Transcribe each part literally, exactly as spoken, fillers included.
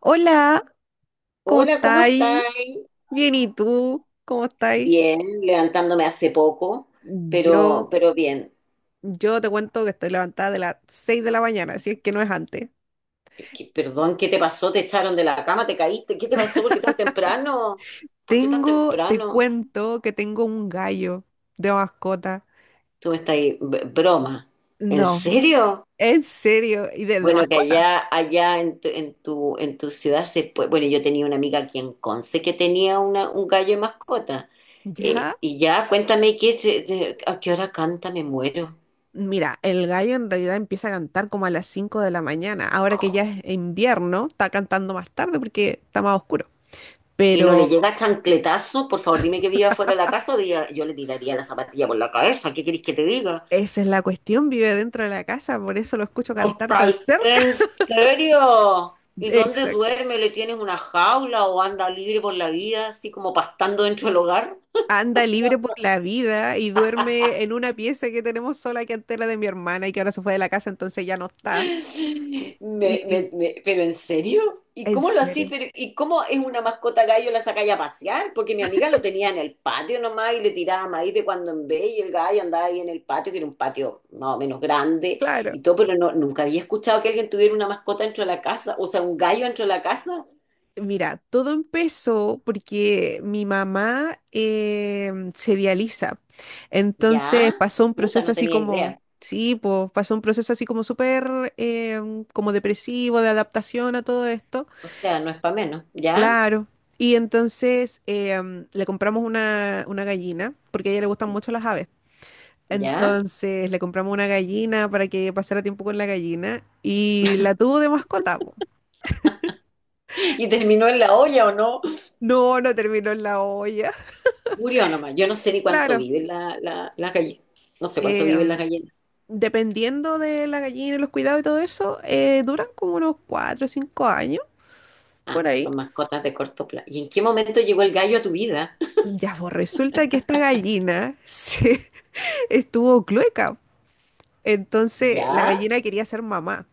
Hola, ¿cómo Hola, ¿cómo estáis? estáis? Bien, ¿y tú? ¿Cómo estáis? Bien, levantándome hace poco, pero, Yo, pero bien. yo te cuento que estoy levantada de las seis de la mañana, si es que no es antes. ¿Qué- perdón, ¿qué te pasó? ¿Te echaron de la cama? ¿Te caíste? ¿Qué te pasó? ¿Por qué tan temprano? ¿Por qué tan Tengo, te temprano? cuento que tengo un gallo de mascota. Tú me estás ahí, b- broma. ¿En No, serio? en serio, y de, de Bueno, que mascota. allá, allá en tu, en tu, en tu ciudad se puede. Bueno, yo tenía una amiga aquí en Conce que tenía una, un gallo de mascota. Eh, Ya, Y ya, cuéntame qué, se- de- a qué hora canta, me muero. mira, el gallo en realidad empieza a cantar como a las cinco de la mañana. Ahora que ya es invierno, está cantando más tarde porque está más oscuro. Y no le Pero llega chancletazo, por favor, dime que viva fuera de la casa, o diga, yo le tiraría la zapatilla por la cabeza. ¿Qué queréis que te diga? esa es la cuestión, vive dentro de la casa, por eso lo escucho ¿No cantar tan estáis cerca. en serio? ¿Y dónde Exacto. duerme? ¿Le tienes una jaula o anda libre por la vida, así como pastando dentro del hogar? Anda libre por la vida y duerme en una pieza que tenemos sola que antes era de mi hermana y que ahora se fue de la casa, entonces ya no está. Me, Y me- me- ¿Pero en serio? ¿Y en cómo lo así? serio, Pero- ¿y cómo es una mascota gallo la sacáis a pasear? Porque mi amiga lo tenía en el patio nomás y le tiraba maíz de cuando en vez y el gallo andaba ahí en el patio, que era un patio más o menos grande claro. y todo, pero no, nunca había escuchado que alguien tuviera una mascota dentro de la casa, o sea, un gallo dentro de la casa. Mira, todo empezó porque mi mamá em, se dializa. Entonces ¿Ya? pasó un Puta, proceso no así tenía como, idea. sí, pues pasó un proceso así como súper em, como depresivo, de adaptación a todo esto. O sea, no es para menos. ¿Ya? Claro. Y entonces eh, am, le compramos una, una gallina, porque a ella le gustan mucho las aves. ¿Ya? Entonces le compramos una gallina para que pasara tiempo con la gallina y la tuvo de mascota. Po. ¿Y terminó en la olla o no? No, no terminó en la olla. Murió nomás. Yo no sé ni cuánto Claro. viven la, la, las gallinas. No sé cuánto eh, viven las am, gallinas. dependiendo de la gallina y los cuidados y todo eso, eh, duran como unos cuatro o cinco años Ah, por ahí. son mascotas de corto plazo. ¿Y en qué momento llegó el gallo a tu vida? Ya, pues resulta que esta gallina se estuvo clueca. Entonces la ¿Ya? gallina quería ser mamá.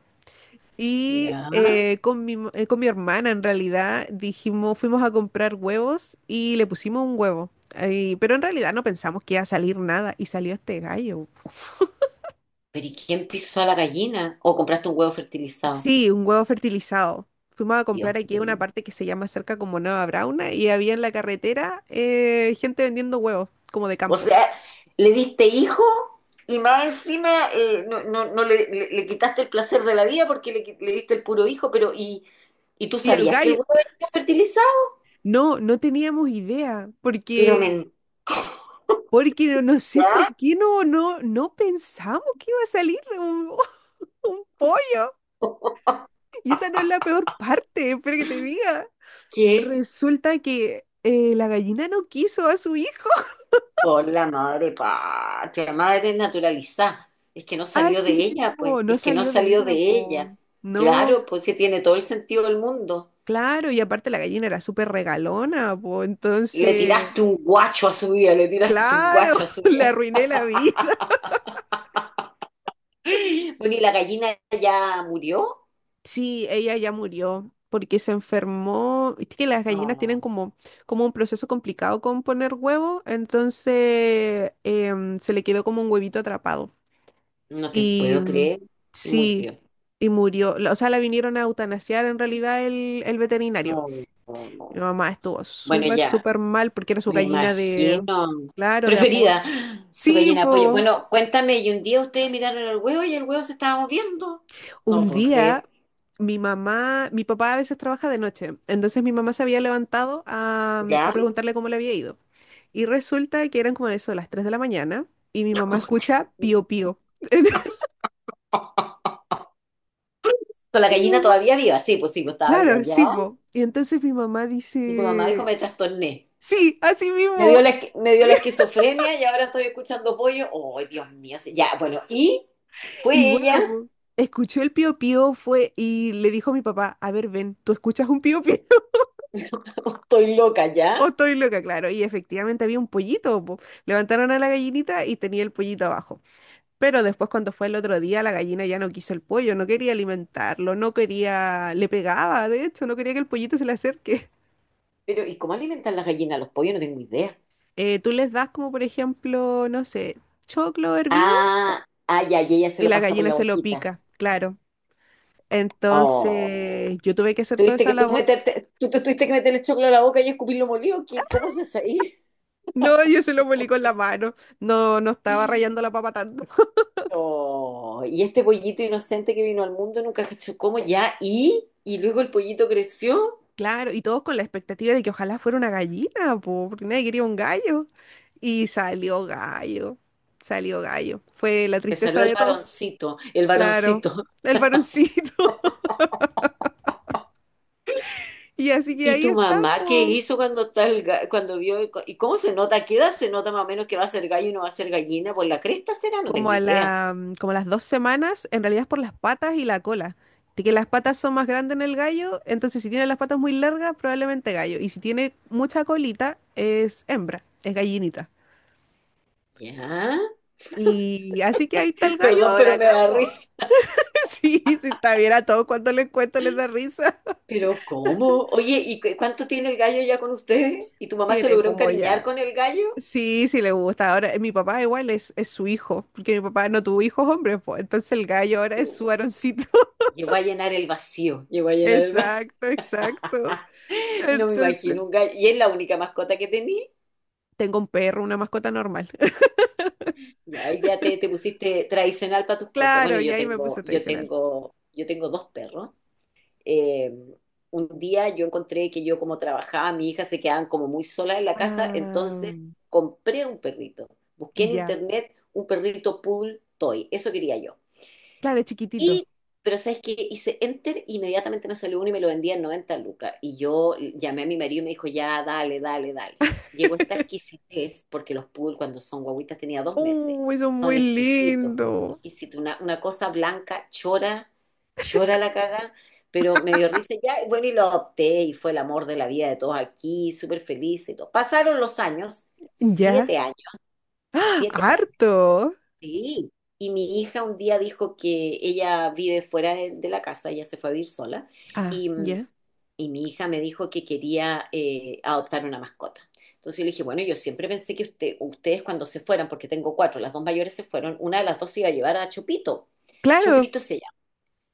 Y Ya. eh, con mi, eh, con mi hermana, en realidad, dijimos, fuimos a comprar huevos y le pusimos un huevo. Ahí, pero en realidad no pensamos que iba a salir nada y salió este gallo. ¿Pero y quién pisó a la gallina? ¿O compraste un huevo fertilizado? Sí, un huevo fertilizado. Fuimos a Dios comprar aquí a una mío. parte que se llama cerca como Nueva Brauna y había en la carretera eh, gente vendiendo huevos, como de O campo. sea, le diste hijo y más encima eh, no, no, no le, le- le quitaste el placer de la vida porque le, qui- le diste el puro hijo, pero ¿y, y tú Y el sabías que el gallo, huevo venía fertilizado? no, no teníamos idea, porque, Pero mentira. porque no, no sé por qué no, no, no pensamos que iba a salir un, un pollo. Y esa no es la peor parte, espera que te diga. ¿Qué? Resulta que eh, la gallina no quiso a su hijo. Por la madre patria, madre naturalizada. Es que no salió de Así ella, pues. mismo, no Es que no salió de salió de ella, po. ella. No, Claro, pues sí tiene todo el sentido del mundo. claro, y aparte la gallina era súper regalona, po. Le Entonces, tiraste un guacho a su vida, le tiraste un claro, guacho a su le vida. arruiné la vida. Bueno, ¿y la gallina ya murió? Sí, ella ya murió porque se enfermó. Viste que las gallinas tienen No, como, como un proceso complicado con poner huevo, entonces em, se le quedó como un huevito atrapado. no te Y puedo mm, creer. Y sí, murió. y murió. la- O sea, la vinieron a eutanasiar en realidad el, el veterinario. No, no, no. Mi mamá estuvo Bueno, súper, ya, súper mal porque era su me gallina imagino. de, claro, de Preferida, apoyo. su Sí, gallina de pollo. po. Bueno, cuéntame, y un día ustedes miraron el huevo y el huevo se estaba moviendo. No lo Un puedo día, creer. mi mamá, mi papá a veces trabaja de noche, entonces mi mamá se había levantado a, mm, a ¿Ya? preguntarle cómo le había ido. Y resulta que eran como eso, las tres de la mañana, y mi mamá escucha pío pío. Con la Y mi gallina mamá, todavía viva, sí, pues sí, pues estaba viva, claro, ¿ya? sí, po. Y entonces mi mamá Y tu mamá dijo, dice, me trastorné. sí, así Me mismo. Dio la, esqui- me dio la esquizofrenia y ahora estoy escuchando pollo. ¡Oh, Dios mío! Sí, ya, bueno, y Y fue bueno, ella, po, escuchó el pío pío fue y le dijo a mi papá, a ver, ven, ¿tú escuchas un pío pío? estoy loca, ¿ya? O estoy loca, claro. Y efectivamente había un pollito, po. Levantaron a la gallinita y tenía el pollito abajo. Pero después cuando fue el otro día, la gallina ya no quiso el pollo, no quería alimentarlo, no quería, le pegaba, de hecho, no quería que el pollito se le acerque. Pero, ¿y cómo alimentan las gallinas a los pollos? No tengo idea. Eh, tú les das como, por ejemplo, no sé, choclo hervido Ah, ah, ya, y ella se y lo la pasa por gallina la se lo boquita. pica, claro. Oh. Entonces, yo tuve que hacer toda Tuviste esa que tú labor. meterte, tú te tuviste que meterle choclo a la boca y escupirlo molido. ¿Qué, cómo se hace ahí? No, yo se lo molí con la mano. No, no estaba rayando la papa tanto. Oh, y este pollito inocente que vino al mundo nunca cachó cómo ya, y, y luego el pollito creció, Claro, y todos con la expectativa de que ojalá fuera una gallina, po, porque nadie quería un gallo. Y salió gallo, salió gallo. Fue la te tristeza salió el de todos, varoncito, el claro, varoncito. el varoncito. Y así que ¿Y ahí tu está, mamá qué po. hizo cuando está el ga- cuando vio el co- y cómo se nota? ¿Qué edad se nota más o menos que va a ser gallo y no va a ser gallina? Pues la cresta será, no Como tengo a idea. la, mm, como a las dos semanas, en realidad es por las patas y la cola. De que las patas son más grandes en el gallo, entonces si tiene las patas muy largas, probablemente gallo. Y si tiene mucha colita, es hembra, es gallinita. Ya, Y así que ahí está el gallo perdón, ahora pero me acá, da po. risa. Sí, si está bien a todos cuando les cuento les da risa. Pero ¿cómo? Oye, ¿y cu- cuánto tiene el gallo ya con ustedes? ¿Y tu mamá se Tiene logró como encariñar ya. con el gallo? Sí, sí le gusta. Ahora, eh, mi papá igual es, es su hijo, porque mi papá no tuvo hijos hombres, pues. Entonces el gallo ahora es su varoncito. Llegó a llenar el vacío, llegó a llenar el vacío. Exacto, exacto. No me Entonces, imagino un gallo. ¿Y es la única mascota que tenía? tengo un perro, una mascota normal. Ya, ahí ya te, te pusiste tradicional para tus cosas. Bueno, Claro, y yo ahí me tengo, puse yo tradicional. tengo, yo tengo dos perros. Eh, un día yo encontré que yo como trabajaba, mi hija se quedaban como muy sola en la casa, Ah, entonces compré un perrito. Busqué en ya. internet un perrito pool toy. Eso quería yo. Claro, chiquitito. Y, pero sabes que hice enter, inmediatamente me salió uno y me lo vendía en noventa lucas. Y yo llamé a mi marido y me dijo, ya, dale, dale, dale. Llegó esta exquisitez, porque los poodle cuando son guaguitas tenía dos meses. Uy, son Son muy exquisitos, lindos. exquisitos. Una, una cosa blanca, chora, chora la caga, pero me dio risa ya. Y bueno, y lo adopté y fue el amor de la vida de todos aquí, súper feliz y todo. Pasaron los años, siete Ya. años, siete años. Harto. Sí, y mi hija un día dijo que ella vive fuera de, de la casa, ella se fue a vivir sola, Ah, y, mm, ya. y mi hija me dijo que quería eh, adoptar una mascota. Entonces yo le dije, bueno, yo siempre pensé que usted, ustedes cuando se fueran, porque tengo cuatro, las dos mayores se fueron, una de las dos se iba a llevar a Chopito. Claro. Chopito se llama.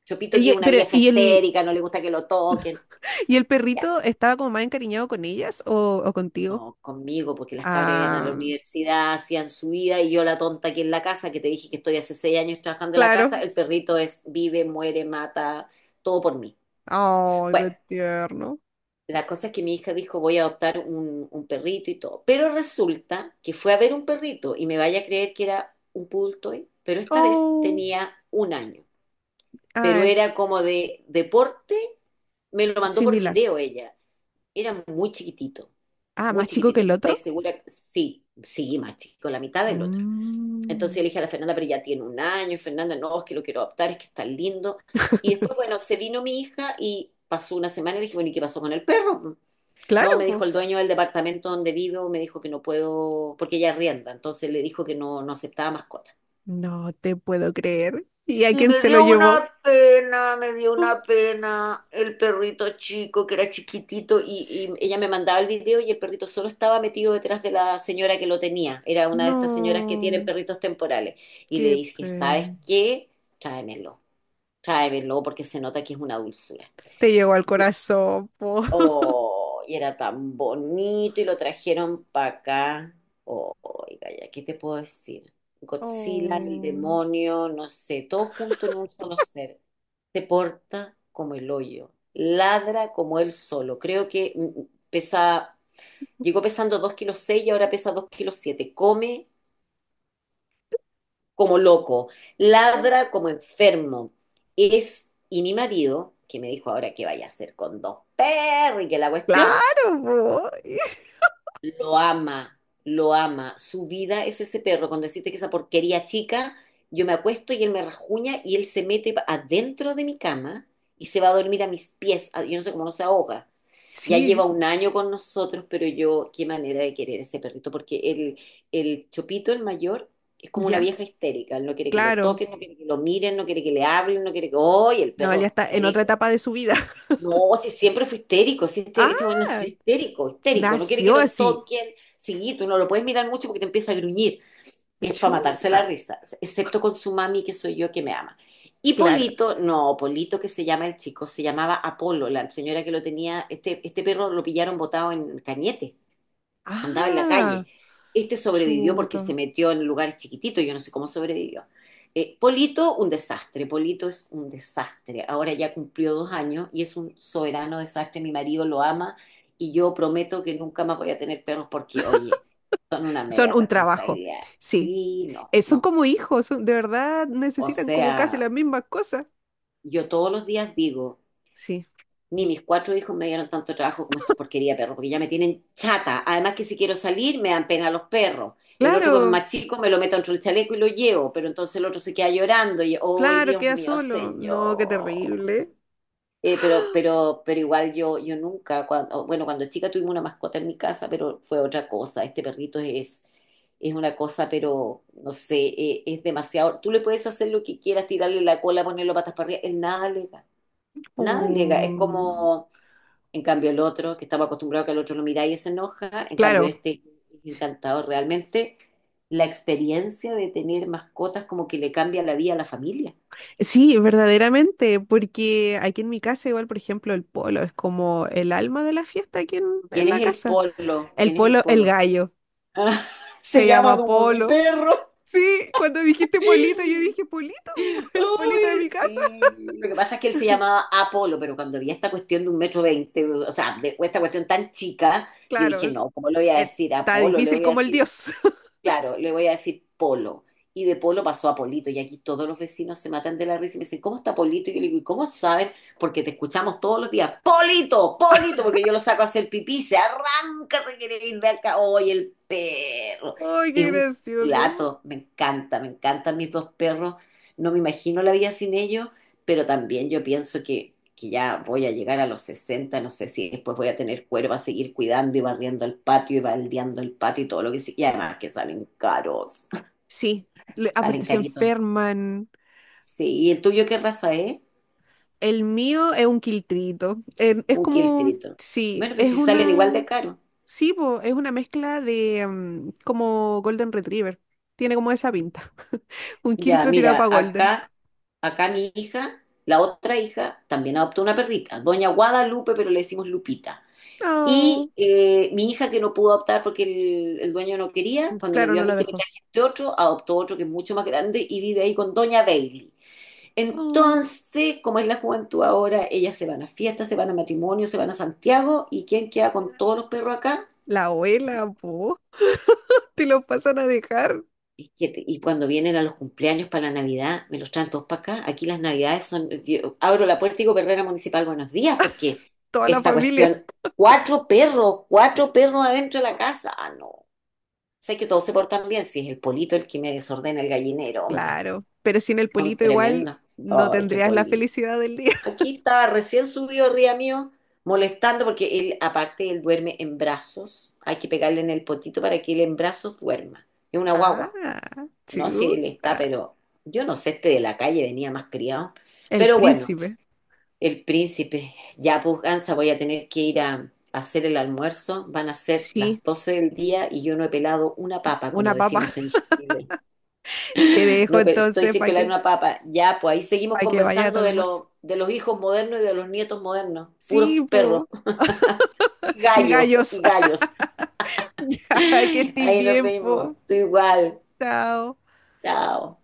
Chopito que Y- es eh, una pero, vieja ¿y el, histérica, no le gusta que lo toquen. y el perrito estaba como más encariñado con ellas o, o contigo? No, conmigo, porque las cabras iban a la Ah, universidad, hacían su vida, y yo la tonta aquí en la casa, que te dije que estoy hace seis años trabajando en la casa, claro. el perrito es vive, muere, mata, todo por mí. Oh, Bueno, qué tierno. la cosa es que mi hija dijo voy a adoptar un, un perrito y todo, pero resulta que fue a ver un perrito y me vaya a creer que era un poodle toy, pero esta vez Oh, tenía un año, pero ah, era como de deporte, me lo mandó por similar. video ella, era muy chiquitito. Ah, Muy más chico que chiquitito. Y el dije, otro. ¿estáis segura? Sí, sí, más chico, la mitad del otro. Entonces yo Mm, le dije a la Fernanda, pero ya tiene un año, Fernanda, no, es que lo quiero adoptar, es que está lindo. Y después, bueno, se vino mi hija y pasó una semana y le dije, bueno, ¿y qué pasó con el perro? No, claro, me dijo po. el dueño del departamento donde vivo, me dijo que no puedo, porque ella rienda, entonces le dijo que no, no aceptaba mascota. No te puedo creer. ¿Y a Y quién me se lo dio llevó? una pena, me dio Ah, una pena el perrito chico que era chiquitito y, sí. y ella me mandaba el video y el perrito solo estaba metido detrás de la señora que lo tenía. Era una de estas señoras que tienen No, perritos temporales. Y le qué dije, ¿sabes pena. qué? Tráemelo, tráemelo porque se nota que es una dulzura. Te llegó al corazón, po. Oh, y era tan bonito y lo trajeron para acá. Oh, oiga, ya, ¿qué te puedo decir? Godzilla, el Oh. demonio, no sé, todo junto en un solo ser. Se porta como el hoyo, ladra como él solo. Creo que mm, mm, pesa, llegó pesando dos kilos seis y ahora pesa dos kilos siete. Come como loco, ladra como enfermo. Es, y mi marido, que me dijo ahora que vaya a hacer con dos perros y que la cuestión. Claro, po. Lo ama, lo ama. Su vida es ese perro. Con decirte que esa porquería chica, yo me acuesto y él me rajuña y él se mete pa- adentro de mi cama y se va a dormir a mis pies. Ah, yo no sé cómo no se ahoga. Ya lleva Sí, un año con nosotros, pero yo, qué manera de querer ese perrito, porque el, el Chopito, el mayor, es como una ya, vieja histérica. Él no quiere que lo claro. toquen, no quiere que lo miren, no quiere que le hablen, no quiere que, ¡ay, el No, él perro ya está en otra histérico! etapa de su vida. No, si siempre fue histérico, si este, este bueno es Ah, histérico, histérico, no quiere que nació lo así. toquen, sí, tú no lo puedes mirar mucho porque te empieza a gruñir, es para matarse Chuta, la risa, excepto con su mami, que soy yo que me ama. Y claro. Polito, no, Polito que se llama el chico, se llamaba Apolo, la señora que lo tenía, este, este perro lo pillaron botado en Cañete, andaba en la Ah, calle. Este sobrevivió porque se chuta. metió en lugares chiquititos, yo no sé cómo sobrevivió. Eh, Polito, un desastre, Polito es un desastre. Ahora ya cumplió dos años y es un soberano desastre, mi marido lo ama y yo prometo que nunca más voy a tener perros porque, oye, son una Son media un trabajo. responsabilidad. Sí, Sí, no, eh, son no. como hijos, son- de verdad O necesitan como casi las sea, mismas cosas. yo todos los días digo, Sí, ni mis cuatro hijos me dieron tanto trabajo como estos porquería de perros, porque ya me tienen chata. Además que si quiero salir, me dan pena los perros. El otro, como es claro, más chico, me lo meto dentro del chaleco y lo llevo, pero entonces el otro se queda llorando y, ¡oh, claro, Dios queda mío, solo. No, qué señor! terrible. Eh, pero, pero, pero, igual yo, yo nunca, cuando, bueno, cuando chica tuvimos una mascota en mi casa, pero fue otra cosa. Este perrito es, es una cosa, pero no sé, eh, es demasiado. Tú le puedes hacer lo que quieras, tirarle la cola, ponerlo patas para arriba, él nada le da, nada le da. Es Mm, como, en cambio, el otro, que estamos acostumbrados a que el otro lo mira y se enoja, en cambio, claro. este es encantador. Realmente, la experiencia de tener mascotas como que le cambia la vida a la familia. Sí, verdaderamente, porque aquí en mi casa igual, por ejemplo, el polo es como el alma de la fiesta aquí en, ¿Quién en la es el casa. polo? El ¿Quién es el polo, el polo? gallo, Ah, se se llama llama como mi polo. perro. Sí, cuando dijiste polito, yo dije polito, mi- el polito de Uy, mi casa. sí. Lo que pasa es que él se llamaba Apolo, pero cuando vi esta cuestión de un metro veinte, o sea, de esta cuestión tan chica, yo Claro, dije, es- no, ¿cómo le voy a decir Está Apolo? Le difícil voy a como el decir dios. Claro, le voy a decir Polo. Y de Polo pasó a Polito. Y aquí todos los vecinos se matan de la risa y me dicen, ¿cómo está Polito? Y yo le digo, ¿y cómo sabes? Porque te escuchamos todos los días, Polito, Polito, porque yo lo saco a hacer pipí, se arranca, se quiere ir de acá. ¡Oye, el perro! Ay, Es qué un gracioso. plato, me encanta, me encantan mis dos perros. No me imagino la vida sin ellos, pero también yo pienso que, que ya voy a llegar a los sesenta, no sé si después voy a tener cuerpo a seguir cuidando y barriendo el patio y baldeando el patio y todo lo que sí. Y además que salen caros, Sí, le- salen aparte se caritos. enferman. Sí, ¿y el tuyo qué raza es? El mío es un quiltrito. En- es Un como, quiltrito. sí, Bueno, pues es si salen igual de una... caro. Sí, po, es una mezcla de mm, como Golden Retriever. Tiene como esa pinta. Un Ya, Kiltro tirado mira, para Golden. acá, acá mi hija, la otra hija, también adoptó una perrita, Doña Guadalupe, pero le decimos Lupita. Y Oh, eh, mi hija que no pudo adoptar porque el, el dueño no quería, mm, cuando me claro, vio a no la mí que me dejó. traje este otro, adoptó otro que es mucho más grande y vive ahí con Doña Bailey. Oh, Entonces, como es la juventud ahora, ellas se van a fiestas, se van a matrimonios, se van a Santiago y ¿quién queda con todos los perros acá? la abuela, po. Te lo pasan a dejar Y, que- te- y cuando vienen a los cumpleaños para la Navidad, me los traen todos para acá. Aquí las Navidades son, yo abro la puerta y digo, Perrera Municipal, buenos días, porque toda la esta familia. cuestión, cuatro perros, cuatro perros adentro de la casa, ah, no. Sé que todos se portan bien, si es el polito el que me desordena el gallinero, hombre. Claro, pero sin el Son polito igual tremendos. no Ay, qué tendrías la polito. felicidad del día. Aquí estaba recién subido arriba mío, molestando porque él, aparte, él duerme en brazos. Hay que pegarle en el potito para que él en brazos duerma. Es una Ah, guagua. No sé, chu, él está, pero yo no sé, este de la calle venía más criado. el Pero bueno, príncipe. el príncipe, ya pues, Gansa, voy a tener que ir a a hacer el almuerzo. Van a ser las Sí, doce del día y yo no he pelado una papa, como una papa. decimos en Chile. Te dejo No, pero estoy entonces sin para pelar que, una papa. Ya, pues ahí seguimos para que vaya a tu conversando de, almuerzo. lo- de los hijos modernos y de los nietos modernos. Puros Sí, perros po. y Y gallos gallos. y gallos. Ya, que estés Ahí nos bien, vemos. po. Tú igual. Chao. Chao.